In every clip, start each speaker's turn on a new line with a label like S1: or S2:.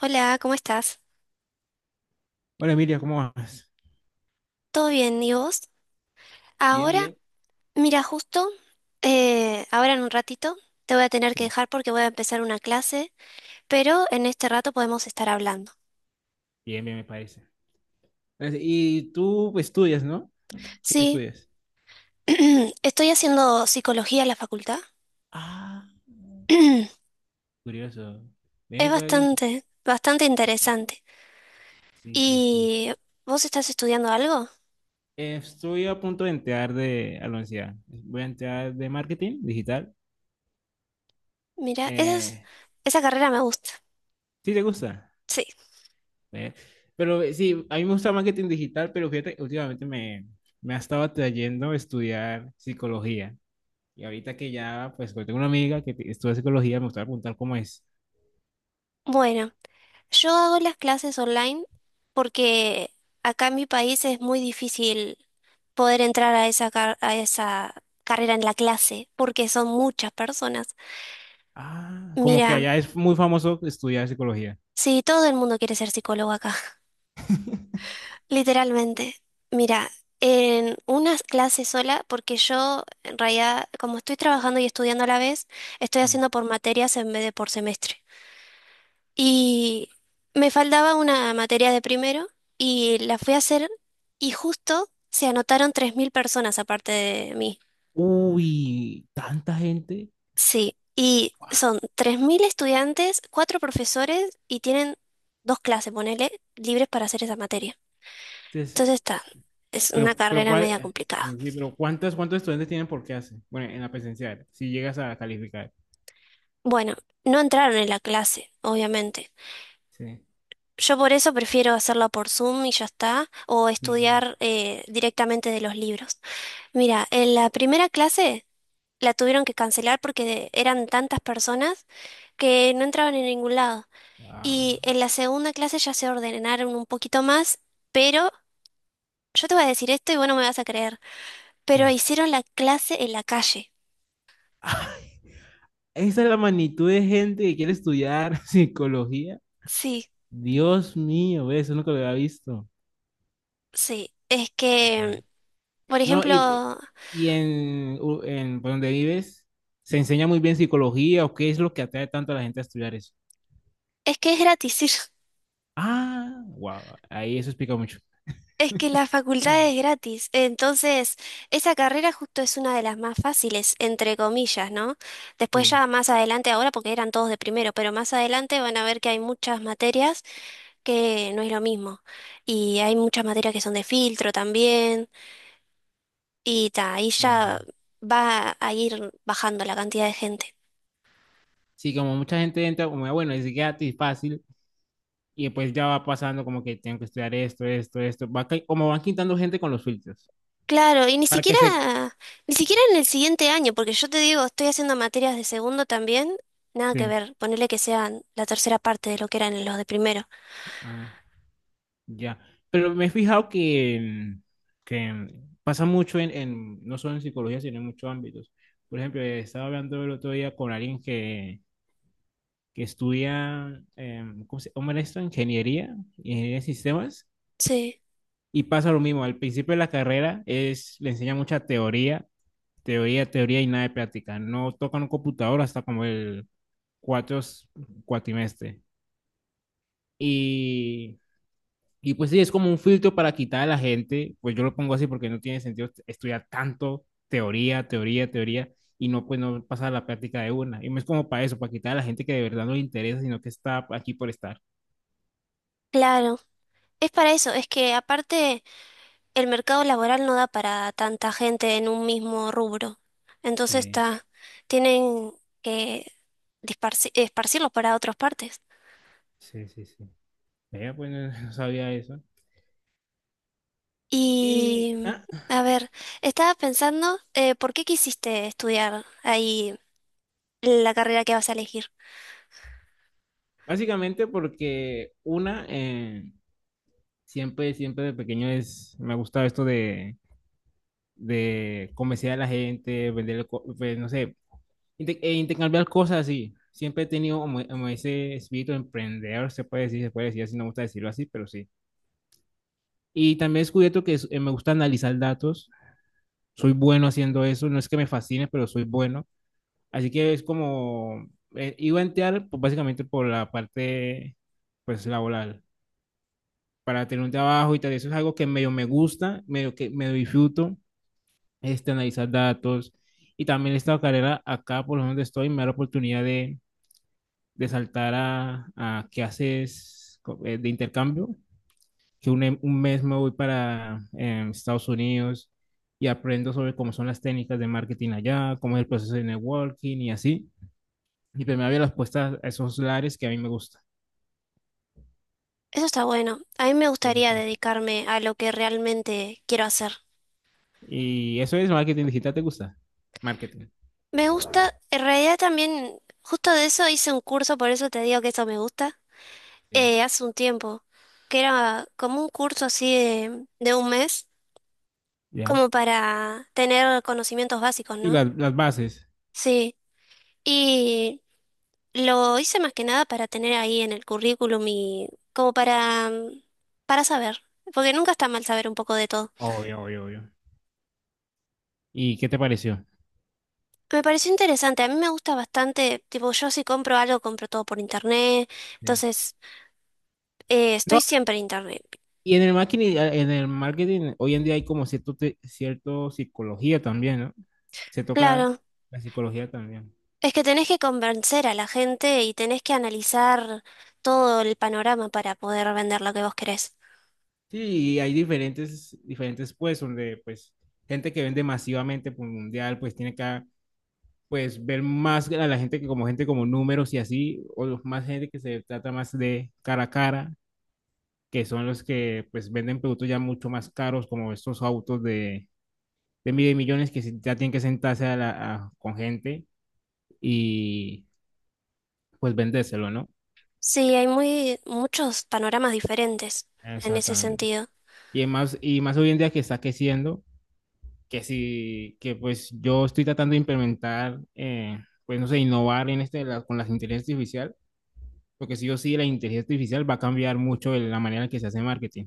S1: Hola, ¿cómo estás?
S2: Hola Emilia, ¿cómo vas?
S1: ¿Todo bien? ¿Y vos?
S2: Bien,
S1: Ahora,
S2: bien.
S1: mira, justo, ahora en un ratito te voy a tener que
S2: Sí.
S1: dejar porque voy a empezar una clase, pero en este rato podemos estar hablando.
S2: Bien, bien, me parece. Gracias. Y tú estudias, ¿no? ¿Qué
S1: Sí,
S2: estudias?
S1: estoy haciendo psicología en la facultad.
S2: Ah, curioso.
S1: Es
S2: Ven, que alguien-
S1: bastante, bastante interesante.
S2: Sí, sí, sí.
S1: ¿Y vos estás estudiando algo?
S2: Estoy a punto de entrar de, a la universidad. Voy a entrar de marketing digital.
S1: Mira,
S2: Eh,
S1: esa carrera me gusta.
S2: ¿Sí te gusta?
S1: Sí.
S2: Eh, pero sí, a mí me gusta marketing digital, pero fíjate, me ha estado atrayendo estudiar psicología. Y ahorita que ya, pues, tengo una amiga que te- estudia psicología, me gusta preguntar cómo es.
S1: Bueno, yo hago las clases online porque acá en mi país es muy difícil poder entrar a a esa carrera en la clase, porque son muchas personas.
S2: Ah, como que
S1: Mira,
S2: allá es muy famoso estudiar psicología.
S1: si todo el mundo quiere ser psicólogo acá, literalmente. Mira, en una clase sola, porque yo en realidad, como estoy trabajando y estudiando a la vez, estoy
S2: Sí.
S1: haciendo por materias en vez de por semestre. Y me faltaba una materia de primero y la fui a hacer y justo se anotaron 3.000 personas aparte de mí.
S2: Uy, tanta gente.
S1: Sí, y
S2: Guau.
S1: son 3.000 estudiantes, cuatro profesores y tienen dos clases, ponele, libres para hacer esa materia.
S2: Entonces,
S1: Entonces está, es
S2: pero,
S1: una
S2: pero,
S1: carrera media
S2: ¿cuál-
S1: complicada.
S2: sí, sí, pero ¿cuántos estudiantes tienen por clase? Bueno, en la presencial, si llegas a calificar.
S1: Bueno, no entraron en la clase, obviamente.
S2: Sí.
S1: Yo por eso prefiero hacerla por Zoom y ya está, o
S2: Sí.
S1: estudiar directamente de los libros. Mira, en la primera clase la tuvieron que cancelar porque eran tantas personas que no entraban en ningún lado.
S2: Ah,
S1: Y en la segunda clase ya se ordenaron un poquito más, pero yo te voy a decir esto y bueno me vas a creer. Pero
S2: ¿qué?
S1: hicieron la clase en la calle.
S2: Ay, esa es la magnitud de gente que quiere estudiar psicología.
S1: Sí,
S2: Dios mío, ve, eso nunca lo había visto.
S1: sí. Es que, por
S2: No,
S1: ejemplo,
S2: u- en por donde vives, ¿se enseña muy bien psicología o qué es lo que atrae tanto a la gente a estudiar eso?
S1: es que es gratis ir.
S2: Ah, wow, ahí eso explica mucho.
S1: Es que la facultad es gratis. Entonces, esa carrera justo es una de las más fáciles, entre comillas, ¿no? Después
S2: Sí,
S1: ya más adelante, ahora porque eran todos de primero, pero más adelante van a ver que hay muchas materias que no es lo mismo. Y hay muchas materias que son de filtro también. Y ta, ahí ya
S2: bien.
S1: va a ir bajando la cantidad de gente.
S2: Sí, como mucha gente entra como, bueno, es gratis, fácil, y pues ya va pasando como que tengo que estudiar esto, esto, esto, va ca- como van quitando gente con los filtros,
S1: Claro, y ni
S2: para que
S1: siquiera,
S2: se...
S1: ni siquiera en el siguiente año, porque yo te digo, estoy haciendo materias de segundo también, nada que
S2: Sí.
S1: ver, ponerle que sean la tercera parte de lo que eran los de primero.
S2: Ah. Ya, pero me he fijado que en- pasa mucho no solo en psicología, sino en muchos ámbitos. Por ejemplo, estaba hablando el otro día con alguien que estudia, ¿cómo se llama esto? Ingeniería, ingeniería de sistemas,
S1: Sí,
S2: y pasa lo mismo. Al principio de la carrera es, le enseña mucha teoría, teoría, teoría y nada de práctica. No tocan un computador hasta como el cuatro cuatrimestre. Y pues sí, es como un filtro para quitar a la gente, pues yo lo pongo así porque no tiene sentido estudiar tanto teoría, teoría, teoría, y no, pues no pasar a la práctica de una. Y no es como para eso, para quitar a la gente que de verdad no le interesa, sino que está aquí por estar.
S1: claro. Es para eso, es que aparte el mercado laboral no da para tanta gente en un mismo rubro. Entonces
S2: Sí,
S1: está, tienen que esparcirlos para otras partes.
S2: sí, sí, sí. Vea, pues no, no sabía eso. Y
S1: Y,
S2: ah,
S1: a ver, estaba pensando, ¿por qué quisiste estudiar ahí la carrera que vas a elegir?
S2: básicamente porque una, siempre, siempre de pequeño es, me ha gustado esto de convencer a la gente, vender, no sé, inter- e intercambiar cosas así. Siempre he tenido como, como ese espíritu de emprender se puede decir así, no me gusta decirlo así, pero sí. Y también he descubierto que es- me gusta analizar datos, soy bueno haciendo eso, no es que me fascine, pero soy bueno. Así que es como, iba a entrar pues, básicamente por la parte pues laboral, para tener un trabajo y tal, eso es algo que medio me gusta, medio que medio disfruto este, analizar datos. Y también esta carrera acá, por donde estoy, me da la oportunidad de saltar a clases co- de intercambio, que un, em- un mes me voy para Estados Unidos y aprendo sobre cómo son las técnicas de marketing allá, cómo es el proceso de networking y así. Y pues me abre las puertas a esos lares que a mí me gusta.
S1: Eso está bueno. A mí me
S2: Sí,
S1: gustaría
S2: sí.
S1: dedicarme a lo que realmente quiero hacer.
S2: Y eso es marketing digital, ¿te gusta? Marketing.
S1: Me gusta, en realidad también, justo de eso hice un curso, por eso te digo que eso me gusta,
S2: Sí.
S1: hace un tiempo, que era como un curso así de un mes,
S2: Ya.
S1: como para tener conocimientos básicos,
S2: Y
S1: ¿no?
S2: las bases.
S1: Sí. Y lo hice más que nada para tener ahí en el currículum y como para, para saber, porque nunca está mal saber un poco de todo.
S2: Obvio, obvio, obvio. ¿Y qué te pareció?
S1: Me pareció interesante, a mí me gusta bastante, tipo yo si compro algo, compro todo por internet, entonces
S2: No,
S1: estoy siempre en internet.
S2: y en el marketing hoy en día hay como cierto, te- cierto psicología también, ¿no? Se toca
S1: Claro,
S2: la psicología también.
S1: es que tenés que convencer a la gente y tenés que analizar todo el panorama para poder vender lo que vos querés.
S2: Sí, y hay diferentes, diferentes pues, donde pues gente que vende masivamente por mundial, pues tiene que pues ver más a la gente que como gente como números y así, o los más gente que se trata más de cara a cara, que son los que pues venden productos ya mucho más caros, como estos autos de mil millones que se- ya tienen que sentarse a la- a- con gente pues vendéselo, ¿no?
S1: Sí, hay muy muchos panoramas diferentes en ese
S2: Exactamente.
S1: sentido.
S2: Y más hoy en día que está creciendo, que si, que pues yo estoy tratando de implementar, pues no sé, innovar en este, la- con la inteligencia artificial, porque sí o sí la inteligencia artificial va a cambiar mucho el- la manera en que se hace marketing.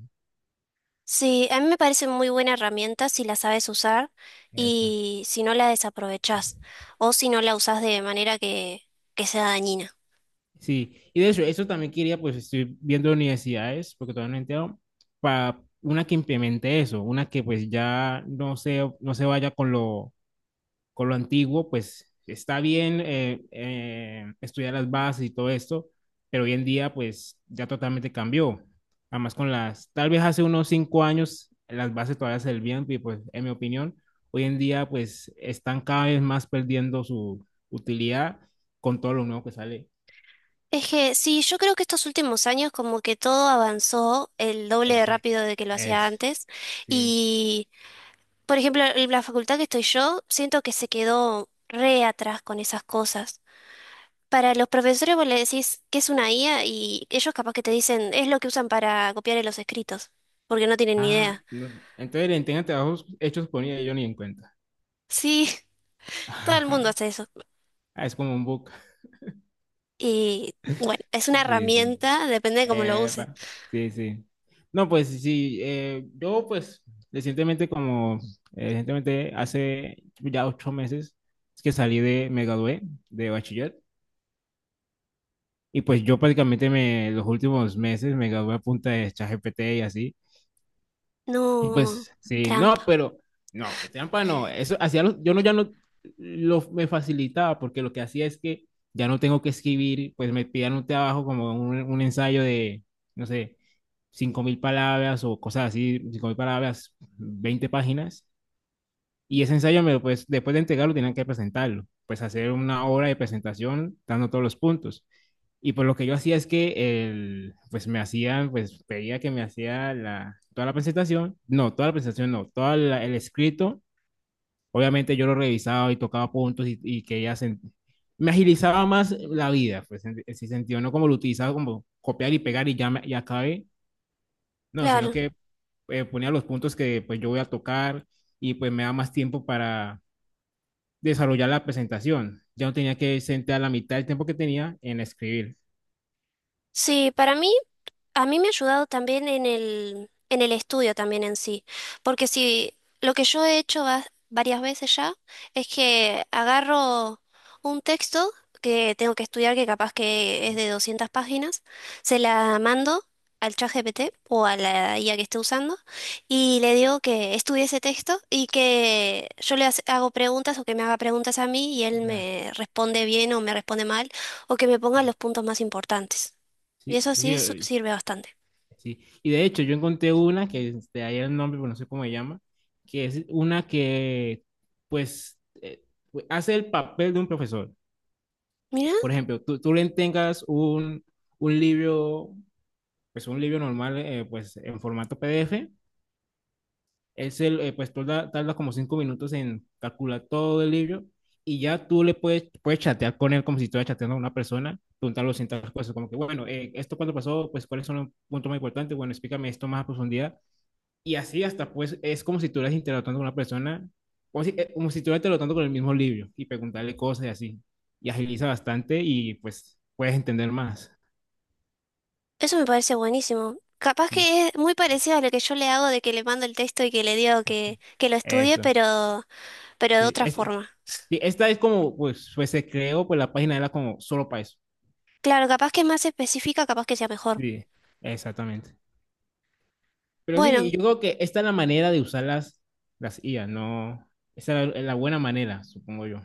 S1: Sí, a mí me parece muy buena herramienta si la sabes usar
S2: Eso.
S1: y si no la desaprovechás o si no la usás de manera que sea dañina.
S2: Sí, y de hecho, eso también quería, pues estoy viendo universidades, porque todavía no he enterado, para una que implemente eso, una que pues ya no se vaya con lo antiguo, pues está bien estudiar las bases y todo esto, pero hoy en día pues ya totalmente cambió. Además con las, tal vez hace unos 5 años las bases todavía se servían y pues en mi opinión, hoy en día pues están cada vez más perdiendo su utilidad con todo lo nuevo que sale.
S1: Es que sí, yo creo que estos últimos años como que todo avanzó el doble de
S2: Ese,
S1: rápido de que lo hacía
S2: es,
S1: antes
S2: sí.
S1: y, por ejemplo, en la facultad que estoy yo, siento que se quedó re atrás con esas cosas. Para los profesores vos le decís que es una IA y ellos capaz que te dicen es lo que usan para copiar en los escritos, porque no tienen ni
S2: Ah,
S1: idea.
S2: no, entonces el entrega trabajos hechos por ella yo ni en cuenta.
S1: Sí, todo el mundo hace eso.
S2: Ah, es como un book.
S1: Y bueno, es una
S2: Sí, sí.
S1: herramienta, depende de cómo lo uses.
S2: Epa, sí, sí. No, pues sí, yo pues recientemente como, recientemente hace ya 8 meses es que salí de, me gradué de bachiller y pues yo prácticamente me, los últimos meses me gradué a punta de ChatGPT y así. Y
S1: No,
S2: pues, sí, no,
S1: trampa.
S2: pero no, trampa no. Eso hacía los- yo no ya no lo me facilitaba porque lo que hacía es que ya no tengo que escribir, pues me pidan un trabajo como un ensayo de, no sé, 5.000 palabras o cosas así, 5.000 palabras, 20 páginas. Y ese ensayo, me lo, pues, después de entregarlo, tenían que presentarlo, pues hacer una hora de presentación dando todos los puntos. Y pues lo que yo hacía es que el, pues me hacían, pues pedía que me hacía la, toda la presentación, no, toda la presentación no, todo el escrito, obviamente yo lo revisaba y tocaba puntos y que ella se, me agilizaba más la vida, pues en ese sentido, no como lo utilizaba como copiar y pegar y ya, me- ya acabé, no, sino
S1: Claro.
S2: que ponía los puntos que pues yo voy a tocar y pues me da más tiempo para desarrollar la presentación. Ya no tenía que sentar la mitad del tiempo que tenía en escribir.
S1: Sí, para mí. A mí me ha ayudado también en el estudio también en sí, porque si lo que yo he hecho varias veces ya es que agarro un texto que tengo que estudiar, que capaz que es de 200 páginas, se la mando al ChatGPT o a la IA que esté usando y le digo que estudie ese texto y que yo le hago preguntas o que me haga preguntas a mí y él
S2: Ya.
S1: me responde bien o me responde mal o que me ponga los puntos más importantes. Y
S2: Sí,
S1: eso
S2: sí,
S1: sí sirve bastante.
S2: sí. Y de hecho, yo encontré una que este, ahí el nombre, pero no sé cómo se llama, que es una que, pues, hace el papel de un profesor.
S1: Mira,
S2: Por ejemplo, tú le tengas un libro, pues un libro normal, pues en formato PDF, es el, pues tarda, tarda como 5 minutos en calcular todo el libro y ya tú le puedes, puedes chatear con él como si estuvieras chateando a una persona, preguntarle ciertas cosas, como que, bueno, esto cuando pasó, pues cuáles son los puntos más importantes, bueno, explícame esto más a profundidad. Y así hasta, pues, es como si tú estuvieras interactuando con una persona, como si estuvieras interactuando con el mismo libro y preguntarle cosas y así. Y agiliza bastante y pues puedes entender más.
S1: eso me parece buenísimo. Capaz
S2: Sí,
S1: que es muy parecido a lo que yo le hago de que le mando el texto y que le digo que lo estudie,
S2: eso.
S1: pero de
S2: Sí,
S1: otra
S2: este,
S1: forma.
S2: sí esta es como, pues, pues se creó, pues la página era como solo para eso.
S1: Claro, capaz que es más específica, capaz que sea mejor.
S2: Sí, exactamente. Pero
S1: Bueno,
S2: sí, yo creo que esta es la manera de usarlas, las IA, ¿no? Esa es la, la buena manera, supongo yo.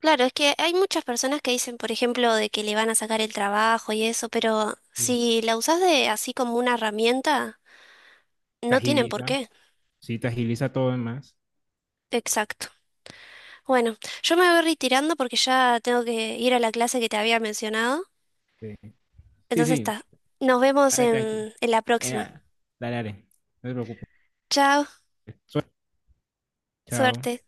S1: claro, es que hay muchas personas que dicen, por ejemplo, de que le van a sacar el trabajo y eso, pero
S2: Sí.
S1: si la usas de así como una herramienta,
S2: Te
S1: no tienen por
S2: agiliza,
S1: qué.
S2: sí, te agiliza todo en más.
S1: Exacto. Bueno, yo me voy retirando porque ya tengo que ir a la clase que te había mencionado.
S2: Sí, sí,
S1: Entonces
S2: sí,
S1: está. Nos vemos
S2: dale tranqui.
S1: en la
S2: Eh,
S1: próxima.
S2: dale, dale, no te preocupes.
S1: Chao.
S2: Chao.
S1: Suerte.